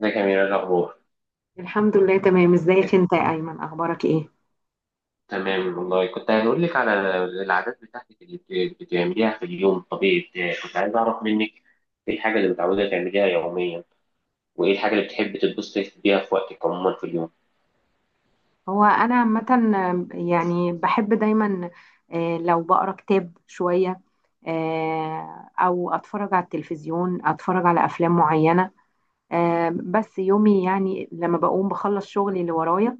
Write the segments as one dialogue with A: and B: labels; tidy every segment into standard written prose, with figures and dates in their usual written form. A: ازيك يا أميرة، إيه الأخبار؟
B: الحمد لله تمام، ازيك
A: إيه،
B: انت يا ايمن؟ اخبارك ايه؟
A: تمام والله. كنت هقول لك على العادات بتاعتك اللي بتعمليها في اليوم الطبيعي بتاعك. كنت عايز أعرف منك إيه الحاجة اللي متعودة تعمليها يوميا، وإيه الحاجة اللي بتحبي تتبسطي بيها في وقتك عموما في اليوم؟
B: هو انا عامه يعني بحب دايما، لو بقرا كتاب شويه، او اتفرج على التلفزيون، اتفرج على افلام معينه. بس يومي يعني لما بقوم بخلص شغلي اللي ورايا،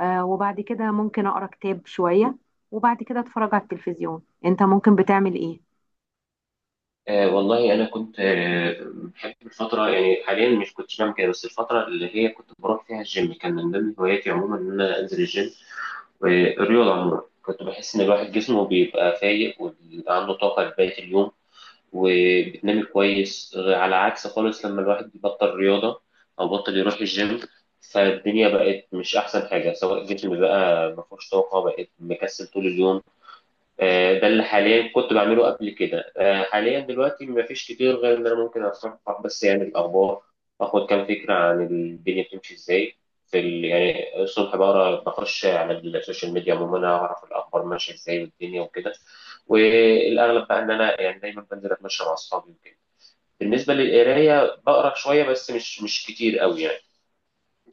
B: وبعد كده ممكن اقرا كتاب شويه، وبعد كده اتفرج على التلفزيون. انت ممكن بتعمل ايه؟
A: آه والله، أنا كنت بحب الفترة، يعني حاليا مش كنتش بعمل كده، بس الفترة اللي هي كنت بروح فيها الجيم كان من ضمن هواياتي عموما، إن أنا أنزل الجيم والرياضة عموما. كنت بحس إن الواحد جسمه بيبقى فايق وعنده طاقة لبقية اليوم، وبتنامي كويس، على عكس خالص لما الواحد بيبطل رياضة أو بطل يروح الجيم، فالدنيا بقت مش أحسن حاجة، سواء الجسم بقى مفهوش طاقة، بقت مكسل طول اليوم. ده اللي حاليا كنت بعمله قبل كده. حاليا دلوقتي مفيش كتير غير ان انا ممكن اصفح بس يعني الاخبار، اخد كام فكره عن الدنيا بتمشي ازاي. يعني الصبح بقرا، بخش على السوشيال ميديا عموما، اعرف الاخبار ماشيه ازاي والدنيا وكده. والاغلب بقى ان انا يعني دايما بنزل اتمشى مع اصحابي وكده. بالنسبه للقرايه بقرا شويه، بس مش كتير قوي يعني.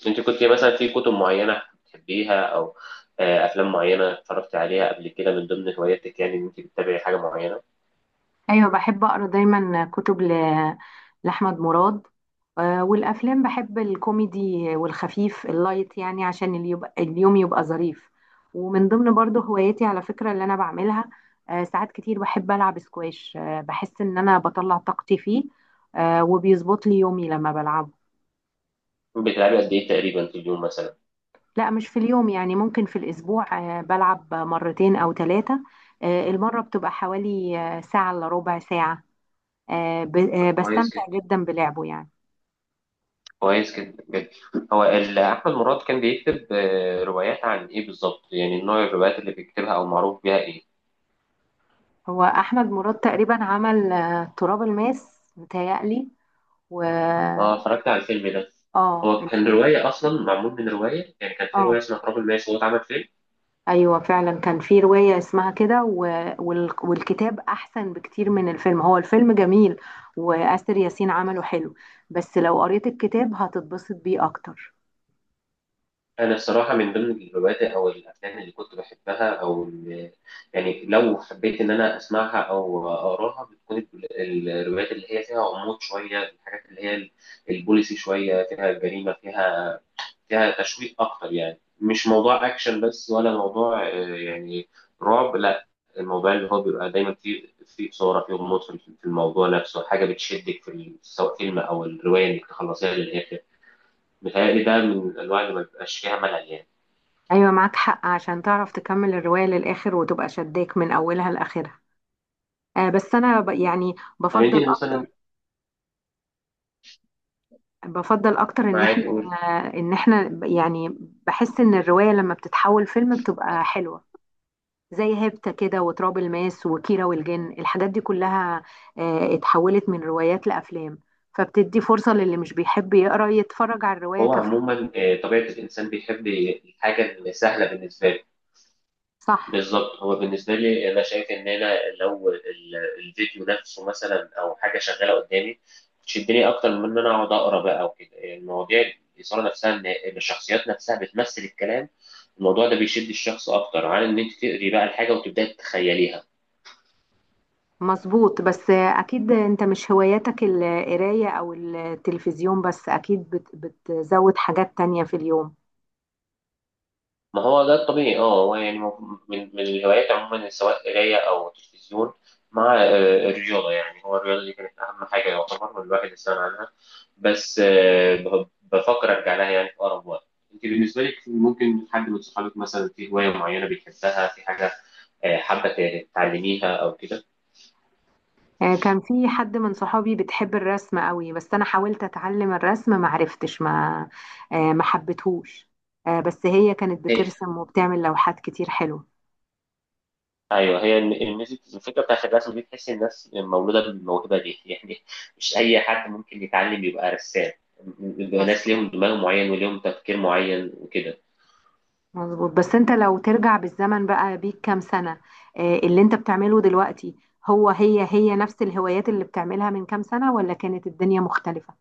A: انت كنت مثلا في كتب معينة بتحبيها، او افلام معينة اتفرجت عليها قبل كده من ضمن هواياتك، يعني ان انت بتتابعي حاجة معينة؟
B: ايوه، بحب اقرا دايما كتب لاحمد مراد. والافلام بحب الكوميدي والخفيف اللايت، يعني عشان اللي يبقى اليوم يبقى ظريف. ومن ضمن برضه هواياتي على فكره اللي انا بعملها، ساعات كتير بحب العب سكواش. بحس ان انا بطلع طاقتي فيه، وبيظبط لي يومي لما بلعبه.
A: بتلعبي قد ايه تقريبا في اليوم مثلا؟
B: لا، مش في اليوم، يعني ممكن في الاسبوع بلعب مرتين او ثلاثه. المره بتبقى حوالي ساعه الا ربع ساعه.
A: طب كويس
B: بستمتع
A: كده.
B: جدا بلعبه يعني.
A: كويس كده بجد. هو احمد مراد كان بيكتب روايات عن ايه بالظبط؟ يعني نوع الروايات اللي بيكتبها او معروف بيها ايه؟
B: هو احمد مراد تقريبا عمل تراب الماس متهيألي، و
A: اه، اتفرجت على الفيلم ده.
B: اه،
A: هو كان
B: الفيلم.
A: رواية أصلا، معمول من رواية، يعني كان في
B: اه،
A: رواية اسمها تراب الماس وهو اتعمل فيلم.
B: ايوه فعلا كان في روايه اسمها كده والكتاب احسن بكتير من الفيلم. هو الفيلم جميل، وآسر ياسين عمله حلو، بس لو قريت الكتاب هتتبسط بيه اكتر.
A: أنا الصراحة من ضمن الروايات أو الأفلام اللي كنت بحبها، أو يعني لو حبيت إن أنا أسمعها أو أقراها، بتكون الروايات اللي هي فيها غموض شوية، الحاجات اللي هي البوليسي شوية، فيها جريمة، فيها فيها تشويق أكتر. يعني مش موضوع أكشن بس، ولا موضوع يعني رعب، لا. الموضوع اللي هو بيبقى دايما فيه فيه إثارة، فيه غموض في الموضوع نفسه، حاجة بتشدك في سواء فيلم أو الرواية إنك تخلصيها للآخر. متهيألي ده من الأنواع اللي ما بيبقاش فيها ملل يعني.
B: ايوه معاك حق، عشان تعرف تكمل الروايه للاخر وتبقى شداك من اولها لاخرها. آه، بس انا ب... يعني
A: طب
B: بفضل
A: انت مثلا،
B: بفضل اكتر ان احنا،
A: معاك قول.
B: ان احنا يعني بحس ان الرواية لما بتتحول فيلم بتبقى حلوة، زي هيبتا كده، وتراب الماس، وكيرة والجن، الحاجات دي كلها اتحولت من روايات لافلام، فبتدي فرصة للي مش بيحب يقرا يتفرج على الرواية
A: هو
B: كفيلم.
A: عموما طبيعة الإنسان بيحب الحاجة اللي سهلة بالنسبة له.
B: صح.
A: بالظبط، هو بالنسبة لي أنا شايف إن أنا لو الفيديو نفسه مثلا، أو حاجة شغالة قدامي، تشدني أكتر من إن أنا أقعد أقرأ بقى وكده المواضيع. الإثارة نفسها، إن الشخصيات نفسها بتمثل الكلام، الموضوع ده بيشد الشخص أكتر عن إن أنت تقري بقى الحاجة وتبدأي تتخيليها.
B: مظبوط، بس اكيد انت مش هواياتك القراية او التلفزيون بس، اكيد بتزود حاجات تانية في اليوم.
A: ما هو ده الطبيعي. اه، هو يعني من الهوايات عموما سواء قرايه او تلفزيون، مع الرياضه. يعني هو الرياضه دي كانت اهم حاجه يعتبر الواحد استغنى عنها، بس بفكر ارجع لها يعني في اقرب وقت. انت بالنسبه لك ممكن حد من صحابك مثلا في هوايه معينه بيحبها، في حاجه حابه تعلميها او كده؟
B: كان في حد من صحابي بتحب الرسم قوي، بس انا حاولت اتعلم الرسم ما عرفتش، ما حبيتهوش. بس هي كانت بترسم وبتعمل لوحات كتير حلوة.
A: ايوه، هي الميوزك، الفكره بتاعت الرسم دي تحس الناس مولوده بالموهبه دي يعني. مش اي حد ممكن يتعلم يبقى رسام، بيبقى ناس
B: مظبوط.
A: ليهم دماغ معين وليهم تفكير معين وكده.
B: مظبوط. بس انت لو ترجع بالزمن بقى بيك كام سنة، اللي انت بتعمله دلوقتي هو هي نفس الهوايات اللي بتعملها من كام سنة؟ ولا كانت الدنيا مختلفة؟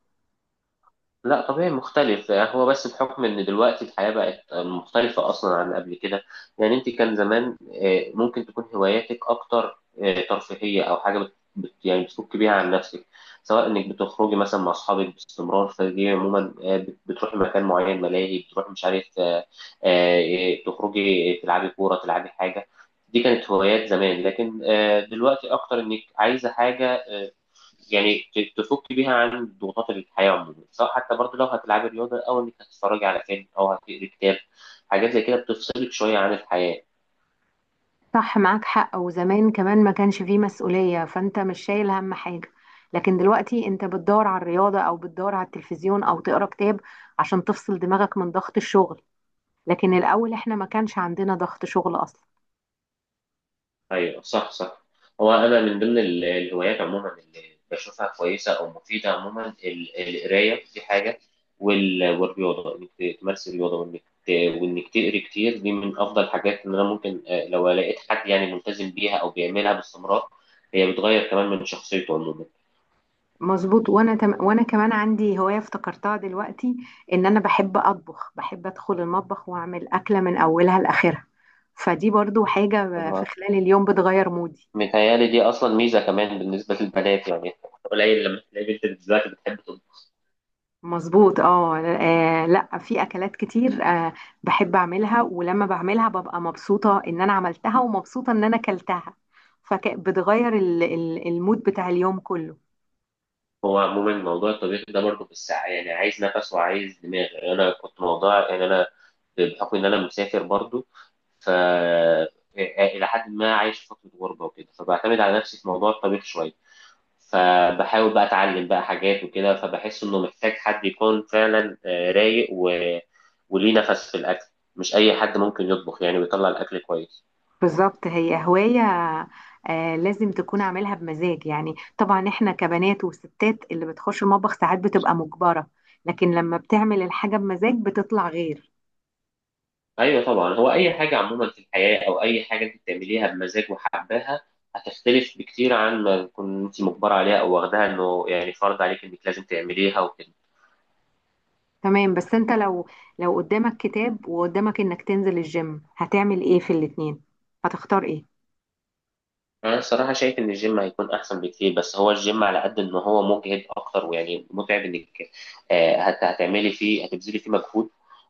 A: لا طبيعي مختلف. هو بس بحكم ان دلوقتي الحياة بقت مختلفة اصلا عن قبل كده. يعني انت كان زمان ممكن تكون هواياتك اكتر ترفيهية، او حاجة يعني بتفك بيها عن نفسك، سواء انك بتخرجي مثلا مع اصحابك باستمرار، فدي عموما بتروحي مكان معين، ملاهي، بتروحي مش عارف، تخرجي، تلعبي كورة، تلعبي حاجة. دي كانت هوايات زمان، لكن دلوقتي اكتر انك عايزة حاجة يعني تفك بيها عن ضغوطات الحياة عموما، سواء حتى برضه لو هتلعبي رياضة، أو إنك هتتفرجي على فيلم، أو هتقري كتاب. حاجات زي كده بتفصلك شوية عن الحياة.
B: صح، معاك حق. وزمان كمان ما كانش فيه مسؤولية، فانت مش شايل هم حاجة. لكن دلوقتي انت بتدور على الرياضة، او بتدور على التلفزيون، او تقرا كتاب عشان تفصل دماغك من ضغط الشغل، لكن الاول احنا ما كانش عندنا ضغط شغل اصلا.
A: أيوه صح، صح. هو أنا من ضمن الهوايات عموما اللي بشوفها كويسة أو مفيدة عموما، القراية دي حاجة، والرياضة، إنك تمارسي الرياضة وإنك وإنك تقري كتير، دي من أفضل الحاجات. إن أنا ممكن لو لقيت حد يعني ملتزم بيها أو بيعملها باستمرار، هي بتغير كمان من شخصيته عموما.
B: مظبوط. وانا كمان عندي هواية افتكرتها دلوقتي، ان انا بحب اطبخ. بحب ادخل المطبخ واعمل اكلة من اولها لاخرها، فدي برضو حاجة في خلال اليوم بتغير مودي.
A: متهيألي دي أصلا ميزة كمان بالنسبة للبنات يعني. قليل لما تلاقي بنت دلوقتي بتحب تطبخ.
B: مظبوط. اه، لا، في اكلات كتير آه بحب اعملها، ولما بعملها ببقى مبسوطه ان انا عملتها، ومبسوطه ان انا اكلتها، فبتغير المود بتاع اليوم كله.
A: هو عموما موضوع الطبيخ ده برضه في الساعة، يعني عايز نفس وعايز دماغ. يعني أنا كنت موضوع، يعني أنا بحكم إن أنا مسافر برضه، ف إلى حد ما عايش في فترة غربة وكده، فبعتمد على نفسي في موضوع الطبيخ شوية، فبحاول بقى أتعلم بقى حاجات وكده، فبحس إنه محتاج حد يكون فعلا رايق وليه نفس في الأكل. مش أي حد ممكن يطبخ يعني ويطلع الأكل كويس.
B: بالظبط، هي هوايه آه لازم تكون عاملها بمزاج. يعني طبعا احنا كبنات وستات اللي بتخش المطبخ ساعات بتبقى مجبره، لكن لما بتعمل الحاجه بمزاج بتطلع غير.
A: ايوه طبعا، هو اي حاجه عموما في الحياه، او اي حاجه انت بتعمليها بمزاج وحباها، هتختلف بكتير عن ما تكون انت مجبره عليها، او واخداها انه يعني فرض عليك انك لازم تعمليها وكده.
B: تمام، بس انت لو، لو قدامك كتاب وقدامك انك تنزل الجيم، هتعمل ايه في الاتنين؟ هتختار ايه؟
A: انا الصراحه شايف ان الجيم هيكون احسن بكتير، بس هو الجيم على قد ان هو مجهد اكتر، ويعني متعب، انك هتعملي فيه، هتبذلي فيه مجهود.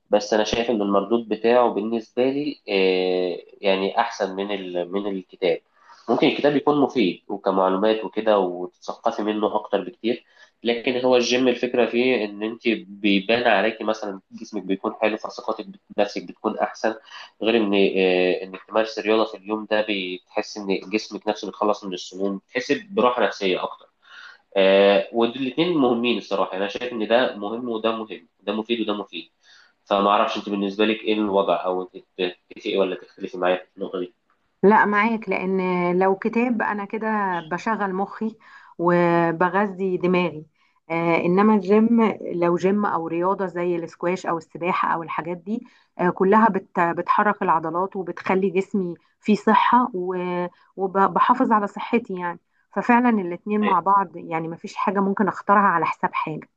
A: بس انا شايف ان المردود بتاعه بالنسبه لي يعني احسن من من الكتاب. ممكن الكتاب يكون مفيد وكمعلومات وكده، وتتثقفي منه اكتر بكتير، لكن هو الجيم الفكره فيه ان انت بيبان عليكي مثلا جسمك بيكون حلو، فثقتك بنفسك بتكون احسن. غير ان انك تمارس الرياضه في اليوم، ده بتحس ان جسمك نفسه بيتخلص من السموم، بتحس براحه نفسيه اكتر. والاثنين مهمين الصراحه. يعني انا شايف ان ده مهم وده مهم، ده مفيد وده مفيد. فما اعرفش انت بالنسبه لك ايه الوضع، او انت تتفقي ولا تختلفي معايا في النقطه دي؟
B: لا، معاك، لان لو كتاب انا كده بشغل مخي وبغذي دماغي، آه انما الجيم، لو جيم او رياضه زي الاسكواش او السباحه او الحاجات دي، آه كلها بتحرك العضلات وبتخلي جسمي فيه صحه، وبحافظ على صحتي يعني. ففعلا الاتنين
A: أيوة.
B: مع بعض، يعني مفيش حاجه ممكن اختارها على حساب حاجه.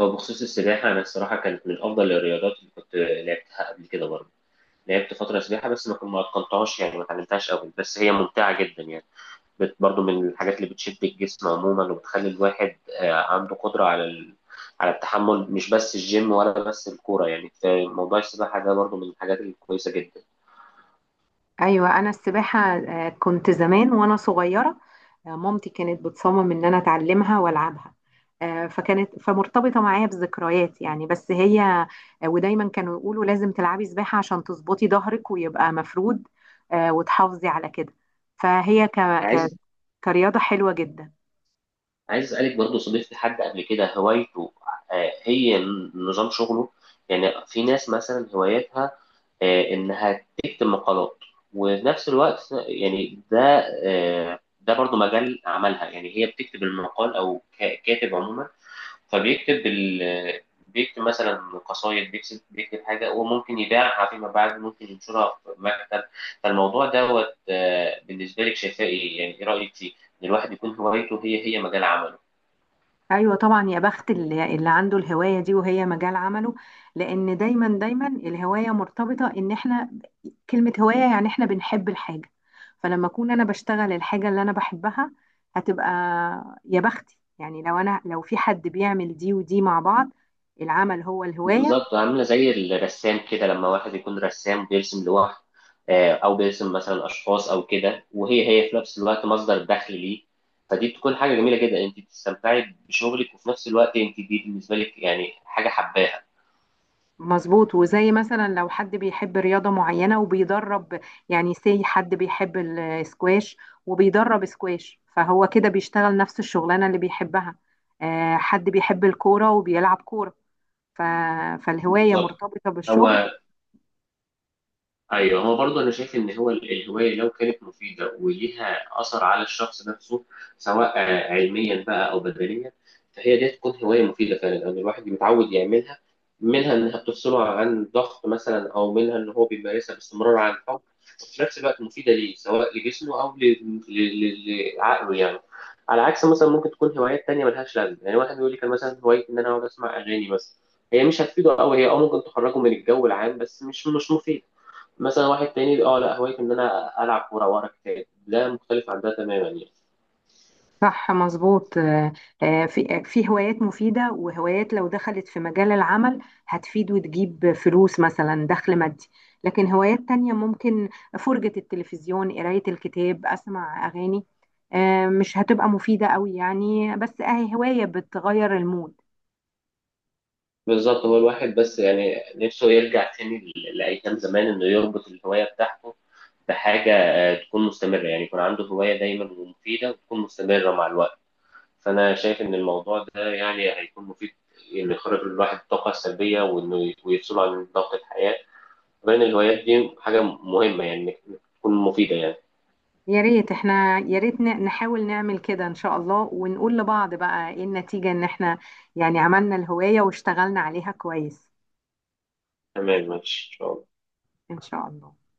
A: هو بخصوص السباحه، انا الصراحه كانت من افضل الرياضات اللي كنت لعبتها قبل كده برضه. لعبت فتره سباحه، بس ما كنت ما اتقنتهاش يعني، ما اتعلمتهاش قوي، بس هي ممتعه جدا يعني. برضو من الحاجات اللي بتشد الجسم عموما، وبتخلي الواحد عنده قدرة على على التحمل، مش بس الجيم ولا بس الكورة، يعني في موضوع السباحة ده برضو من الحاجات الكويسة جدا.
B: ايوه، انا السباحه كنت زمان وانا صغيره، مامتي كانت بتصمم ان انا اتعلمها والعبها، آه، فكانت فمرتبطه معايا بذكريات يعني. بس هي ودايما كانوا يقولوا لازم تلعبي سباحه عشان تظبطي ظهرك ويبقى مفرود، وتحافظي على كده، فهي
A: عايز
B: كرياضه حلوه جدا.
A: عايز أسألك برضو، صديقتي حد قبل كده هوايته هي نظام شغله. يعني في ناس مثلا هوايتها إنها تكتب مقالات، وفي نفس الوقت يعني ده ده برضو مجال عملها. يعني هي بتكتب المقال، أو كاتب عموما، فبيكتب ال... بيكتب مثلا قصايد، بيكتب حاجة وممكن يبيعها فيما بعد، ممكن ينشرها في مكتب. فالموضوع دوت بالنسبة لك شايفاه إيه؟ يعني إيه رأيك فيه؟ إن الواحد يكون هوايته هي مجال عمله.
B: ايوه طبعا، يا بخت اللي عنده الهوايه دي وهي مجال عمله، لان دايما دايما الهوايه مرتبطه ان احنا، كلمه هوايه يعني احنا بنحب الحاجه، فلما اكون انا بشتغل الحاجه اللي انا بحبها هتبقى، يا بختي يعني لو انا، لو في حد بيعمل دي ودي مع بعض، العمل هو الهوايه.
A: بالظبط، عاملة زي الرسام كده، لما واحد يكون رسام بيرسم لوحده، أو بيرسم مثلا أشخاص أو كده، وهي في نفس الوقت مصدر دخل ليه. فدي بتكون حاجة جميلة جدا، أنت بتستمتعي بشغلك، وفي نفس الوقت أنت دي بالنسبة لك يعني حاجة حباها.
B: مظبوط، وزي مثلا لو حد بيحب رياضة معينة وبيدرب، يعني سي حد بيحب السكواش وبيدرب سكواش، فهو كده بيشتغل نفس الشغلانة اللي بيحبها. حد بيحب الكورة وبيلعب كورة، ف- فالهواية
A: بالظبط.
B: مرتبطة بالشغل.
A: هو ايوه، هو برضه انا شايف ان هو الهوايه لو كانت مفيده وليها اثر على الشخص نفسه، سواء علميا بقى او بدنيا، فهي دي تكون هوايه مفيده فعلا، لان الواحد متعود يعملها، منها انها بتفصله عن ضغط مثلا، او منها ان هو بيمارسها باستمرار عن الحب، وفي نفس الوقت مفيده ليه، سواء لجسمه او لعقله يعني. على عكس مثلا ممكن تكون هوايات تانية ملهاش لازمه، يعني واحد بيقول لي كان مثلا هوايتي ان انا اقعد اسمع اغاني بس، هي مش هتفيده قوي، هي اه ممكن تخرجه من الجو العام، بس مش مفيد. مثلا واحد تاني، اه لا هوايته ان انا العب كوره واقرا كتاب، ده مختلف عن ده تماما يعني.
B: صح، مظبوط. في هوايات مفيدة، وهوايات لو دخلت في مجال العمل هتفيد وتجيب فلوس مثلا، دخل مادي. لكن هوايات تانية، ممكن فرجة التلفزيون، قراية الكتاب، أسمع أغاني، مش هتبقى مفيدة قوي يعني، بس أهي هواية بتغير المود.
A: بالظبط. هو الواحد بس يعني نفسه يرجع تاني لايام زمان، انه يربط الهوايه بتاعته بحاجه تكون مستمره، يعني يكون عنده هوايه دايما ومفيده وتكون مستمره مع الوقت. فانا شايف ان الموضوع ده يعني هيكون مفيد، انه يخرج الواحد الطاقه السلبيه، وانه ويفصله عن ضغط الحياه، وبين الهوايات دي حاجه مهمه يعني، إنك تكون مفيده يعني.
B: يا ريت احنا، يا ريت نحاول نعمل كده إن شاء الله، ونقول لبعض بقى إيه النتيجة، إن احنا يعني عملنا الهواية واشتغلنا عليها كويس.
A: تمام ماشي. ان شاء الله.
B: إن شاء الله.